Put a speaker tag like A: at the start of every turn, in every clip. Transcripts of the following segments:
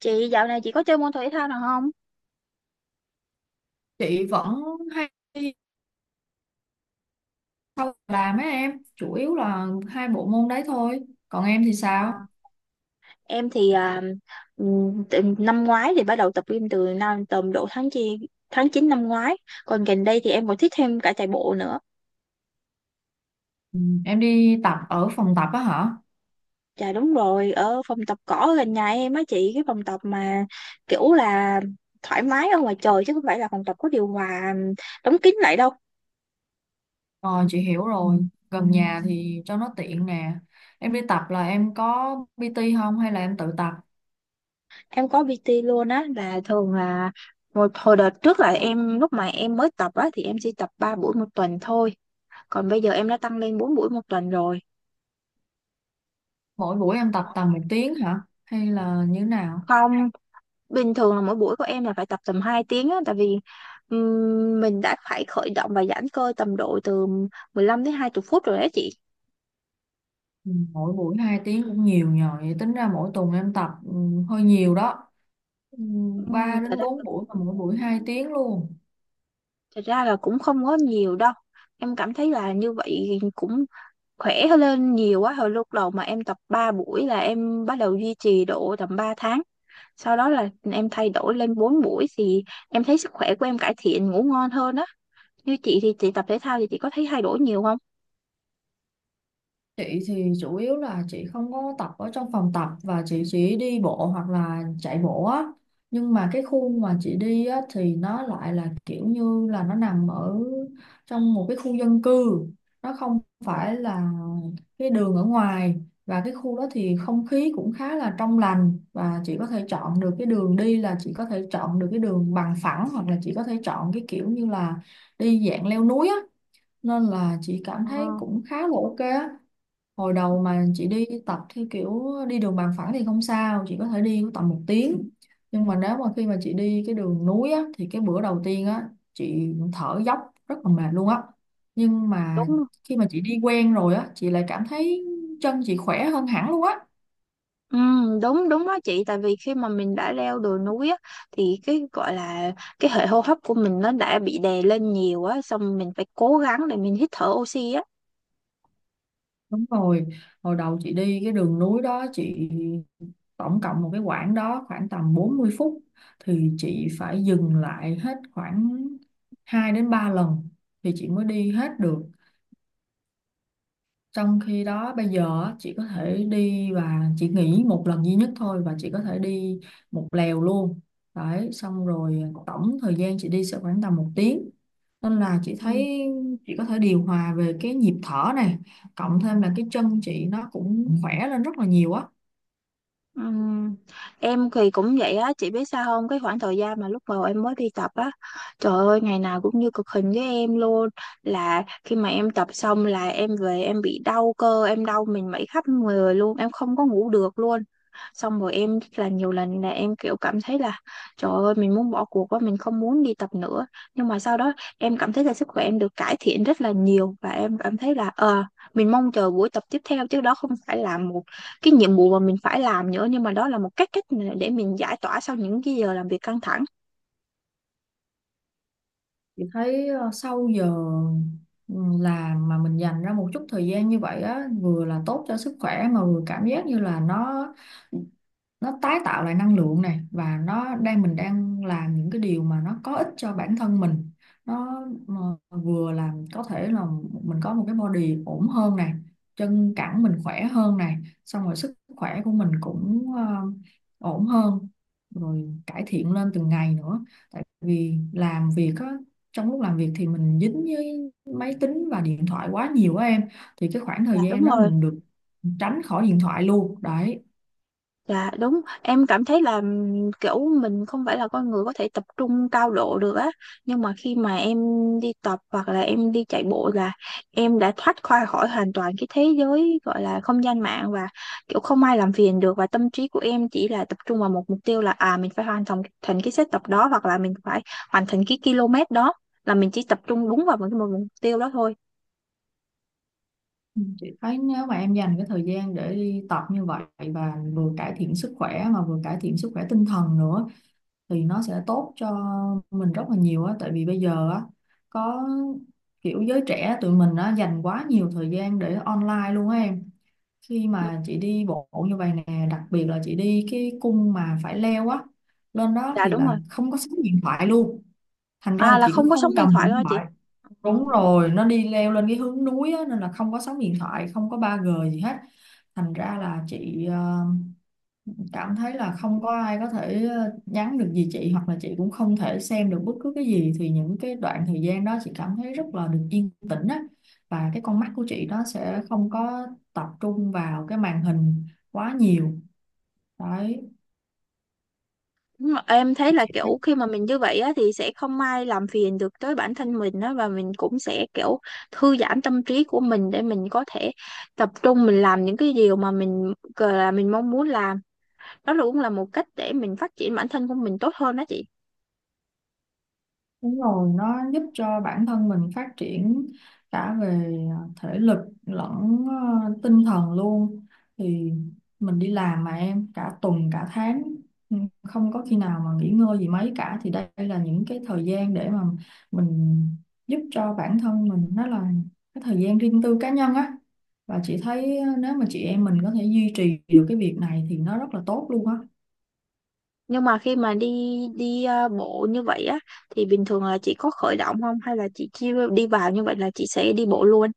A: Chị dạo này chị có chơi môn thể thao nào không?
B: Chị vẫn không làm mấy em, chủ yếu là hai bộ môn đấy thôi. Còn em thì
A: Ờ,
B: sao?
A: em thì từ năm ngoái thì bắt đầu tập gym từ năm tầm độ tháng 9 năm ngoái. Còn gần đây thì em còn thích thêm cả chạy bộ nữa.
B: ừ, em đi tập ở phòng tập á hả?
A: Dạ đúng rồi, ở phòng tập cỏ ở gần nhà em á chị, cái phòng tập mà kiểu là thoải mái ở ngoài trời chứ không phải là phòng tập có điều hòa đóng kín lại đâu.
B: Ờ chị hiểu rồi, gần nhà thì cho nó tiện nè. Em đi tập là em có PT không hay là em tự tập?
A: Em có PT luôn á, là thường là một hồi đợt trước là em lúc mà em mới tập á thì em chỉ tập 3 buổi một tuần thôi, còn bây giờ em đã tăng lên 4 buổi một tuần rồi.
B: Mỗi buổi em tập tầm một tiếng hả hay là như thế nào?
A: Không, bình thường là mỗi buổi của em là phải tập tầm 2 tiếng á, tại vì mình đã phải khởi động và giãn cơ tầm độ từ 15 đến 20 phút rồi đấy chị.
B: Ừ, Mỗi buổi hai tiếng cũng nhiều nhờ, vậy tính ra mỗi tuần em tập hơi nhiều đó. ừ,
A: um,
B: Ba
A: thật
B: đến
A: ra là,
B: bốn buổi mà mỗi buổi hai tiếng luôn.
A: thật ra là cũng không có nhiều đâu. Em cảm thấy là như vậy cũng khỏe hơn lên nhiều quá, hồi lúc đầu mà em tập 3 buổi là em bắt đầu duy trì độ tầm 3 tháng, sau đó là em thay đổi lên 4 buổi thì em thấy sức khỏe của em cải thiện, ngủ ngon hơn á. Như chị thì chị tập thể thao thì chị có thấy thay đổi nhiều không?
B: Chị thì chủ yếu là chị không có tập ở trong phòng tập và chị chỉ đi bộ hoặc là chạy bộ á. Nhưng mà cái khu mà chị đi á thì nó lại là kiểu như là nó nằm ở trong một cái khu dân cư. Nó không phải là cái đường ở ngoài, và cái khu đó thì không khí cũng khá là trong lành, và chị có thể chọn được cái đường đi, là chị có thể chọn được cái đường bằng phẳng hoặc là chị có thể chọn cái kiểu như là đi dạng leo núi á. Nên là chị cảm
A: Ờ,
B: thấy cũng khá là ok á. Hồi đầu mà chị đi tập theo kiểu đi đường bằng phẳng thì không sao, chị có thể đi tầm một tiếng, nhưng mà nếu mà khi mà chị đi cái đường núi á, thì cái bữa đầu tiên á chị thở dốc rất là mệt luôn á. Nhưng mà
A: đúng rồi.
B: khi mà chị đi quen rồi á chị lại cảm thấy chân chị khỏe hơn hẳn luôn á.
A: Ừ, đúng đúng đó chị, tại vì khi mà mình đã leo đồi núi á, thì cái gọi là cái hệ hô hấp của mình nó đã bị đè lên nhiều á, xong mình phải cố gắng để mình hít thở oxy á.
B: Đúng rồi, hồi đầu chị đi cái đường núi đó, chị tổng cộng một cái quãng đó khoảng tầm 40 phút thì chị phải dừng lại hết khoảng 2 đến 3 lần thì chị mới đi hết được. Trong khi đó bây giờ á, chị có thể đi và chị nghỉ một lần duy nhất thôi và chị có thể đi một lèo luôn. Đấy, xong rồi tổng thời gian chị đi sẽ khoảng tầm một tiếng. Nên là chị
A: Ừ.
B: thấy chị có thể điều hòa về cái nhịp thở này, cộng thêm là cái chân chị nó cũng khỏe lên rất là nhiều á.
A: Ừm, em thì cũng vậy á, chị biết sao không? Cái khoảng thời gian mà lúc đầu em mới đi tập á, trời ơi, ngày nào cũng như cực hình với em luôn. Là khi mà em tập xong là em về em bị đau cơ, em đau mình mẩy khắp người luôn, em không có ngủ được luôn. Xong rồi em là nhiều lần là em kiểu cảm thấy là trời ơi mình muốn bỏ cuộc quá, mình không muốn đi tập nữa. Nhưng mà sau đó em cảm thấy là sức khỏe em được cải thiện rất là nhiều và em cảm thấy là mình mong chờ buổi tập tiếp theo, chứ đó không phải là một cái nhiệm vụ mà mình phải làm nữa, nhưng mà đó là một cách cách mà để mình giải tỏa sau những cái giờ làm việc căng thẳng.
B: Chị thấy sau giờ ừ, làm mà mình dành ra một chút thời gian như vậy á, vừa là tốt cho sức khỏe mà vừa cảm giác như là nó tái tạo lại năng lượng này, và nó đang mình đang làm những cái điều mà nó có ích cho bản thân mình, nó mà vừa làm có thể là mình có một cái body ổn hơn này, chân cẳng mình khỏe hơn này, xong rồi sức khỏe của mình cũng ổn hơn rồi, cải thiện lên từng ngày nữa. Tại vì làm việc á, trong lúc làm việc thì mình dính với máy tính và điện thoại quá nhiều á em, thì cái khoảng
A: Dạ,
B: thời
A: đúng
B: gian đó
A: rồi,
B: mình được tránh khỏi điện thoại luôn đấy.
A: là đúng, em cảm thấy là kiểu mình không phải là con người có thể tập trung cao độ được á, nhưng mà khi mà em đi tập hoặc là em đi chạy bộ là em đã thoát khỏi khỏi hoàn toàn cái thế giới gọi là không gian mạng, và kiểu không ai làm phiền được và tâm trí của em chỉ là tập trung vào một mục tiêu là à mình phải hoàn thành thành cái set tập đó hoặc là mình phải hoàn thành cái km đó, là mình chỉ tập trung đúng vào một mục tiêu đó thôi.
B: Ừ, chị thấy nếu mà em dành cái thời gian để đi tập như vậy và vừa cải thiện sức khỏe mà vừa cải thiện sức khỏe tinh thần nữa thì nó sẽ tốt cho mình rất là nhiều á. Tại vì bây giờ á có kiểu giới trẻ tụi mình á dành quá nhiều thời gian để online luôn á em. Khi
A: Ừ.
B: mà chị đi bộ như vậy nè, đặc biệt là chị đi cái cung mà phải leo á lên đó
A: Dạ
B: thì
A: đúng
B: là
A: rồi.
B: không có sóng điện thoại luôn, thành ra
A: À,
B: là
A: là
B: chị cũng
A: không có sóng
B: không
A: điện
B: cầm
A: thoại
B: điện
A: thôi chị.
B: thoại.
A: Ờ.
B: Đúng rồi, nó đi leo lên cái hướng núi á, nên là không có sóng điện thoại, không có 3G gì hết. Thành ra là chị cảm thấy là không có ai có thể nhắn được gì chị hoặc là chị cũng không thể xem được bất cứ cái gì, thì những cái đoạn thời gian đó chị cảm thấy rất là được yên tĩnh á, và cái con mắt của chị nó sẽ không có tập trung vào cái màn hình quá nhiều. Đấy,
A: Đúng rồi. Em thấy là
B: chị.
A: kiểu khi mà mình như vậy á thì sẽ không ai làm phiền được tới bản thân mình á, và mình cũng sẽ kiểu thư giãn tâm trí của mình để mình có thể tập trung mình làm những cái điều mà mình gọi là mình mong muốn làm. Đó là cũng là một cách để mình phát triển bản thân của mình tốt hơn đó chị.
B: Đúng rồi, nó giúp cho bản thân mình phát triển cả về thể lực lẫn tinh thần luôn. Thì mình đi làm mà em, cả tuần cả tháng ừ, không có khi nào mà nghỉ ngơi gì mấy cả, thì đây là những cái thời gian để mà mình giúp cho bản thân mình, đó là cái thời gian riêng tư cá nhân á. Và chị thấy nếu mà chị em mình có thể duy trì được cái việc này thì nó rất là tốt luôn á.
A: Nhưng mà khi mà đi đi ờ, bộ như vậy á thì bình thường là chị có khởi động không hay là chị chỉ đi vào như vậy là chị sẽ đi bộ luôn?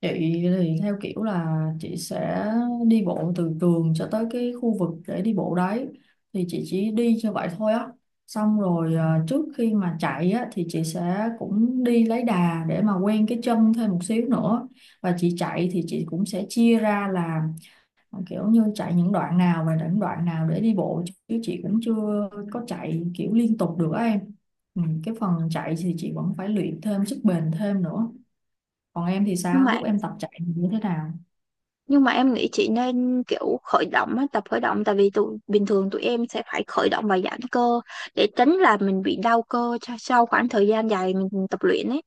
B: Chị thì theo kiểu là chị sẽ đi bộ từ trường cho tới cái khu vực để đi bộ đấy, thì chị chỉ đi cho vậy thôi á. Xong rồi à, trước khi mà chạy á thì chị sẽ cũng đi lấy đà để mà quen cái chân thêm một xíu nữa, và chị chạy thì chị cũng sẽ chia ra là kiểu như chạy những đoạn nào và những đoạn nào để đi bộ, chứ chị cũng chưa có chạy kiểu liên tục được á em. Cái phần chạy thì chị vẫn phải luyện thêm sức bền thêm nữa. Còn em thì
A: Nhưng
B: sao,
A: mà
B: lúc em tập chạy thì như thế nào?
A: nhưng mà em nghĩ chị nên kiểu khởi động á, tập khởi động, tại vì tụi bình thường tụi em sẽ phải khởi động và giãn cơ để tránh là mình bị đau cơ sau khoảng thời gian dài mình tập luyện ấy.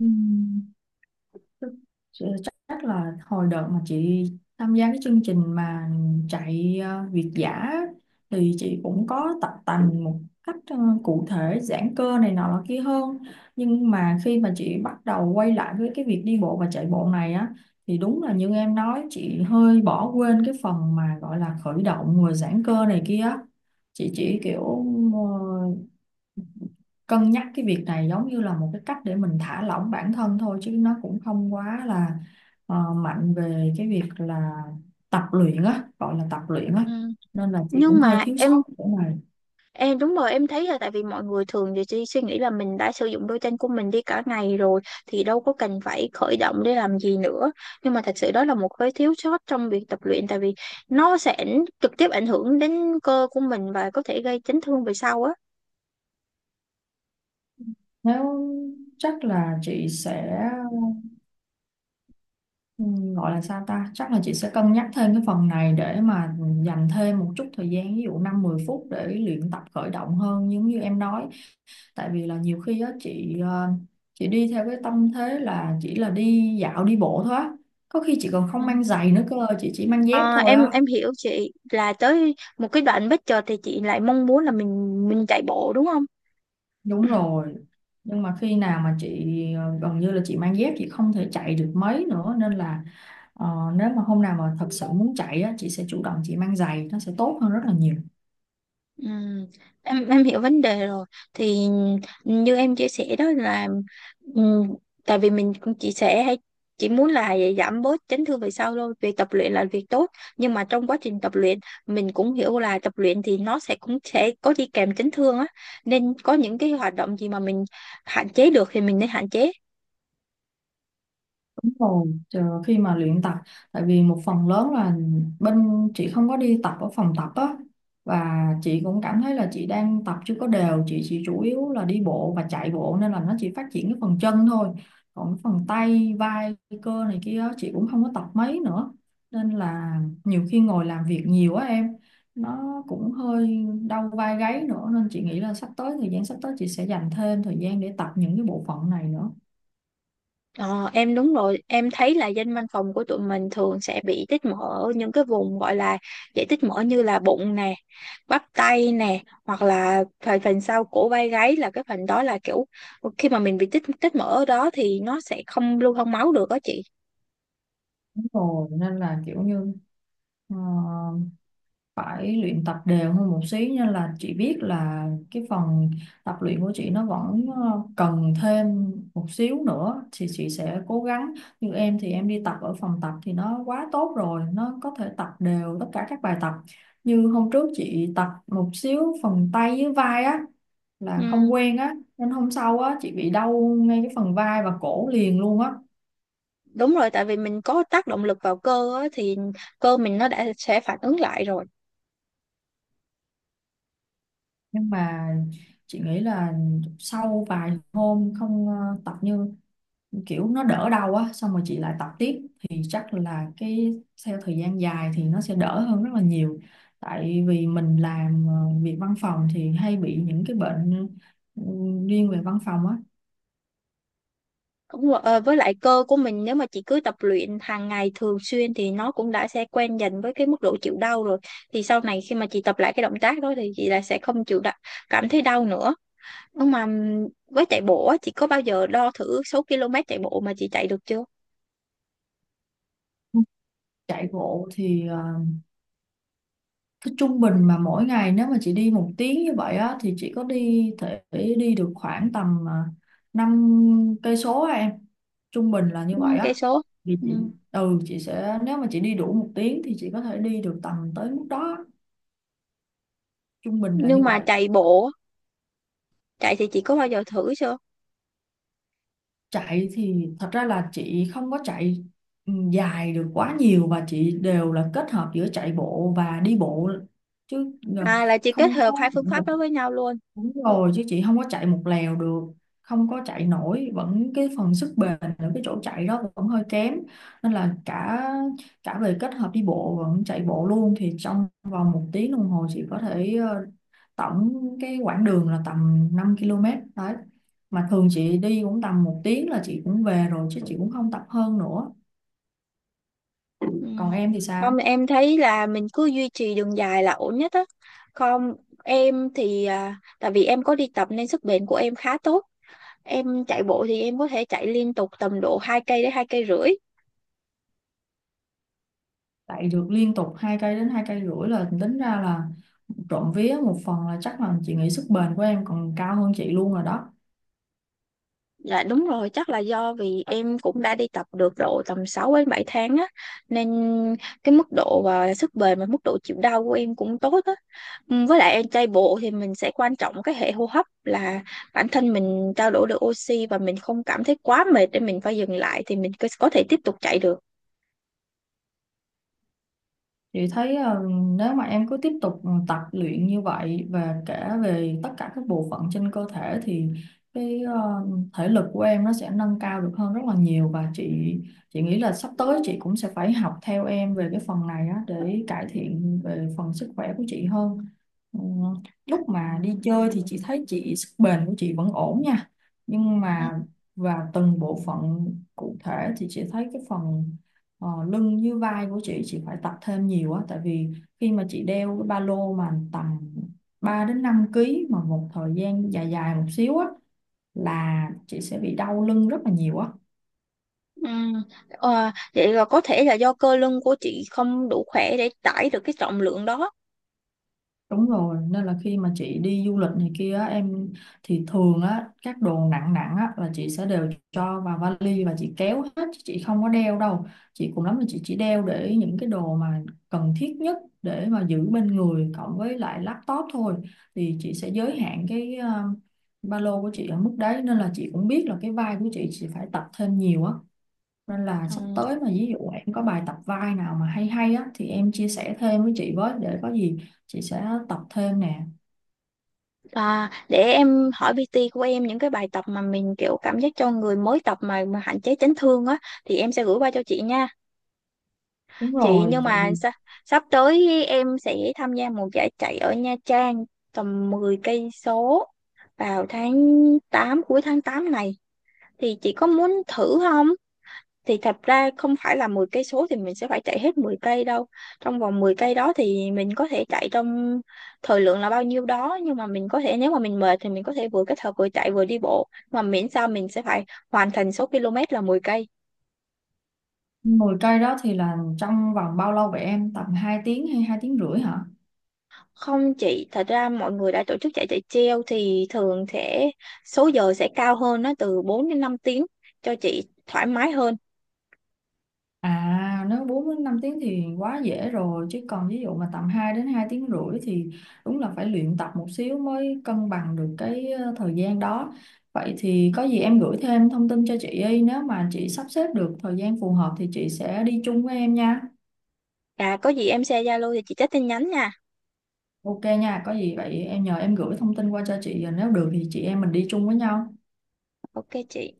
B: Ừm, Ch- Chắc là hồi đợt mà chị tham gia cái chương trình mà chạy việt dã thì chị cũng có tập tành một cách cụ thể giãn cơ này nọ là kia hơn, nhưng mà khi mà chị bắt đầu quay lại với cái việc đi bộ và chạy bộ này á thì đúng là như em nói, chị hơi bỏ quên cái phần mà gọi là khởi động rồi giãn cơ này kia á. Chị chỉ kiểu ờ, cân nhắc cái việc này giống như là một cái cách để mình thả lỏng bản thân thôi, chứ nó cũng không quá là mạnh về cái việc là tập luyện á, gọi là tập luyện á.
A: Ừ.
B: Nên là chị cũng
A: Nhưng
B: hơi
A: mà
B: thiếu
A: em
B: sót cái chỗ này.
A: em đúng rồi, em thấy là tại vì mọi người thường thì chỉ suy nghĩ là mình đã sử dụng đôi chân của mình đi cả ngày rồi thì đâu có cần phải khởi động để làm gì nữa, nhưng mà thật sự đó là một cái thiếu sót trong việc tập luyện, tại vì nó sẽ trực tiếp ảnh hưởng đến cơ của mình và có thể gây chấn thương về sau
B: Nếu chắc là chị sẽ Ừ, Gọi là sao ta, chắc là chị sẽ cân nhắc thêm cái phần này để mà dành thêm một chút thời gian, ví dụ 5 10 phút để luyện tập khởi động hơn giống như em nói. Tại vì là nhiều khi á chị chị đi theo cái tâm thế là chỉ là đi dạo đi bộ thôi á, có khi chị còn
A: á.
B: không mang giày nữa cơ, chị chỉ mang dép
A: Ờ,
B: thôi
A: em
B: á.
A: em hiểu chị là tới một cái đoạn bất chợt thì chị lại mong muốn là mình chạy bộ đúng không?
B: Đúng rồi, nhưng mà khi nào mà chị gần như là chị mang dép chị không thể chạy được mấy nữa, nên là ờ, nếu mà hôm nào mà thật sự muốn chạy á chị sẽ chủ động chị mang giày, nó sẽ tốt hơn rất là nhiều.
A: Ừ. Ừ, em hiểu vấn đề rồi. Thì như em chia sẻ đó là ừ, tại vì mình cũng chia sẻ hay chỉ muốn là giảm bớt chấn thương về sau thôi, việc tập luyện là việc tốt, nhưng mà trong quá trình tập luyện mình cũng hiểu là tập luyện thì nó sẽ cũng sẽ có đi kèm chấn thương á, nên có những cái hoạt động gì mà mình hạn chế được thì mình nên hạn chế.
B: Đúng rồi, chờ khi mà luyện tập, tại vì một phần lớn là bên chị không có đi tập ở phòng tập á, và chị cũng cảm thấy là chị đang tập chưa có đều, chị chỉ chủ yếu là đi bộ và chạy bộ nên là nó chỉ phát triển cái phần chân thôi. Còn cái phần tay vai cơ này kia á, chị cũng không có tập mấy nữa, nên là nhiều khi ngồi làm việc nhiều á em, nó cũng hơi đau vai gáy nữa, nên chị nghĩ là sắp tới thời gian sắp tới chị sẽ dành thêm thời gian để tập những cái bộ phận này nữa.
A: Ờ, em đúng rồi, em thấy là dân văn phòng của tụi mình thường sẽ bị tích mỡ ở những cái vùng gọi là dễ tích mỡ như là bụng nè, bắp tay nè, hoặc là phần phần sau cổ vai gáy, là cái phần đó là kiểu khi mà mình bị tích tích mỡ ở đó thì nó sẽ không lưu thông máu được đó chị.
B: Đúng rồi nên là kiểu như Ờ, phải luyện tập đều hơn một xí, nên là chị biết là cái phần tập luyện của chị nó vẫn cần thêm một xíu nữa thì chị sẽ cố gắng. Như em thì em đi tập ở phòng tập thì nó quá tốt rồi, nó có thể tập đều tất cả các bài tập. Như hôm trước chị tập một xíu phần tay với vai á
A: Ừ,
B: là không quen á, nên hôm sau á chị bị đau ngay cái phần vai và cổ liền luôn á.
A: đúng rồi, tại vì mình có tác động lực vào cơ á, thì cơ mình nó đã sẽ phản ứng lại rồi.
B: Nhưng mà chị nghĩ là sau vài hôm không tập như kiểu nó đỡ đau á, xong rồi chị lại tập tiếp thì chắc là cái theo thời gian dài thì nó sẽ đỡ hơn rất là nhiều. Tại vì mình làm việc văn phòng thì hay bị những cái bệnh ừ, riêng về văn phòng á.
A: Đúng rồi, ờ, với lại cơ của mình nếu mà chị cứ tập luyện hàng ngày thường xuyên thì nó cũng đã sẽ quen dần với cái mức độ chịu đau rồi. Thì sau này khi mà chị tập lại cái động tác đó thì chị lại sẽ không chịu đau, cảm thấy đau nữa. Nhưng mà với chạy bộ á, chị có bao giờ đo thử số km chạy bộ mà chị chạy được chưa?
B: Chạy bộ thì cái trung bình mà mỗi ngày nếu mà chị đi một tiếng như vậy á thì chị có đi thể đi được khoảng tầm 5 cây số á em, trung bình là như vậy
A: 5 cây
B: á.
A: số.
B: Thì
A: Ừ.
B: chị chị sẽ, nếu mà chị đi đủ một tiếng thì chị có thể đi được tầm tới mức đó, trung bình là như
A: Nhưng mà
B: vậy.
A: chạy bộ, chạy thì chị có bao giờ thử chưa?
B: Chạy thì thật ra là chị không có chạy dài được quá nhiều và chị đều là kết hợp giữa chạy bộ và đi bộ chứ. ờ,
A: À, là chị kết
B: Không
A: hợp
B: có.
A: hai phương pháp đó với nhau luôn.
B: Đúng rồi, chứ chị không có chạy một lèo được, không có chạy nổi, vẫn cái phần sức bền ở cái chỗ chạy đó vẫn hơi kém nên là cả cả về kết hợp đi bộ vẫn chạy bộ luôn thì trong vòng một tiếng đồng hồ chị có thể tổng cái quãng đường là tầm 5 km đấy. Mà thường chị đi cũng tầm một tiếng là chị cũng về rồi, chứ chị cũng không tập hơn nữa.
A: Ừ.
B: Còn em thì sao?
A: Không, em thấy là mình cứ duy trì đường dài là ổn nhất á. Không, em thì tại vì em có đi tập nên sức bền của em khá tốt. Em chạy bộ thì em có thể chạy liên tục tầm độ 2 đến 2,5 cây.
B: Chạy được liên tục hai cây đến hai cây rưỡi là tính ra là trộm vía, một phần là chắc là chị nghĩ sức bền của em còn cao hơn chị luôn rồi đó.
A: Dạ đúng rồi, chắc là do vì em cũng đã đi tập được độ tầm 6 đến 7 tháng á, nên cái mức độ và sức bền và mức độ chịu đau của em cũng tốt á. Ừ, với lại em chạy bộ thì mình sẽ quan trọng cái hệ hô hấp, là bản thân mình trao đổi được oxy và mình không cảm thấy quá mệt để mình phải dừng lại thì mình có thể tiếp tục chạy được.
B: Chị thấy nếu mà em cứ tiếp tục tập luyện như vậy và cả về tất cả các bộ phận trên cơ thể thì cái thể lực của em nó sẽ nâng cao được hơn rất là nhiều, và chị nghĩ là sắp tới chị cũng sẽ phải học theo em về cái phần này á, để cải thiện về phần sức khỏe của chị hơn. Ừ, lúc mà đi chơi thì chị thấy chị sức bền của chị vẫn ổn nha, nhưng
A: Ừ.
B: mà và từng bộ phận cụ thể thì chị thấy cái phần ờ, lưng như vai của chị phải tập thêm nhiều á, tại vì khi mà chị đeo cái ba lô mà tầm 3 đến 5 ký mà một thời gian dài dài một xíu á là chị sẽ bị đau lưng rất là nhiều á.
A: Ừ. Ờ, vậy là có thể là do cơ lưng của chị không đủ khỏe để tải được cái trọng lượng đó.
B: Đúng rồi, nên là khi mà chị đi du lịch này kia á, em thì thường á các đồ nặng nặng á là chị sẽ đều cho vào vali và chị kéo hết chứ chị không có đeo đâu. Chị cùng lắm là chị chỉ đeo để những cái đồ mà cần thiết nhất để mà giữ bên người cộng với lại laptop thôi. Thì chị sẽ giới hạn cái ba lô của chị ở mức đấy, nên là chị cũng biết là cái vai của chị phải tập thêm nhiều á. Nên là sắp
A: Ừ.
B: tới mà ví dụ em có bài tập vai nào mà hay hay á thì em chia sẻ thêm với chị với, để có gì chị sẽ tập thêm nè.
A: À, để em hỏi PT của em những cái bài tập mà mình kiểu cảm giác cho người mới tập mà hạn chế chấn thương á thì em sẽ gửi qua cho chị nha.
B: Đúng
A: Chị,
B: rồi,
A: nhưng
B: tại
A: mà
B: vì
A: sắp tới em sẽ tham gia một giải chạy ở Nha Trang tầm 10 cây số vào tháng tám, cuối tháng 8 này, thì chị có muốn thử không? Thì thật ra không phải là 10 cây số thì mình sẽ phải chạy hết 10 cây đâu. Trong vòng 10 cây đó thì mình có thể chạy trong thời lượng là bao nhiêu đó, nhưng mà mình có thể, nếu mà mình mệt thì mình có thể vừa kết hợp vừa chạy vừa đi bộ mà miễn sao mình sẽ phải hoàn thành số km là 10 cây.
B: 10 cây đó thì là trong vòng bao lâu vậy em? Tầm 2 tiếng hay 2 tiếng rưỡi hả?
A: Không chị, thật ra mọi người đã tổ chức chạy chạy treo thì thường sẽ số giờ sẽ cao hơn, nó từ 4 đến 5 tiếng cho chị thoải mái hơn.
B: À nếu 4 đến 5 tiếng thì quá dễ rồi, chứ còn ví dụ mà tầm 2 đến 2 tiếng rưỡi thì đúng là phải luyện tập một xíu mới cân bằng được cái thời gian đó. Vậy thì có gì em gửi thêm thông tin cho chị đi, nếu mà chị sắp xếp được thời gian phù hợp thì chị sẽ đi chung với em nha.
A: À, có gì em share Zalo thì chị check tin nhắn nha.
B: Ok nha, có gì vậy em nhờ em gửi thông tin qua cho chị, nếu được thì chị em mình đi chung với nhau.
A: Ok chị.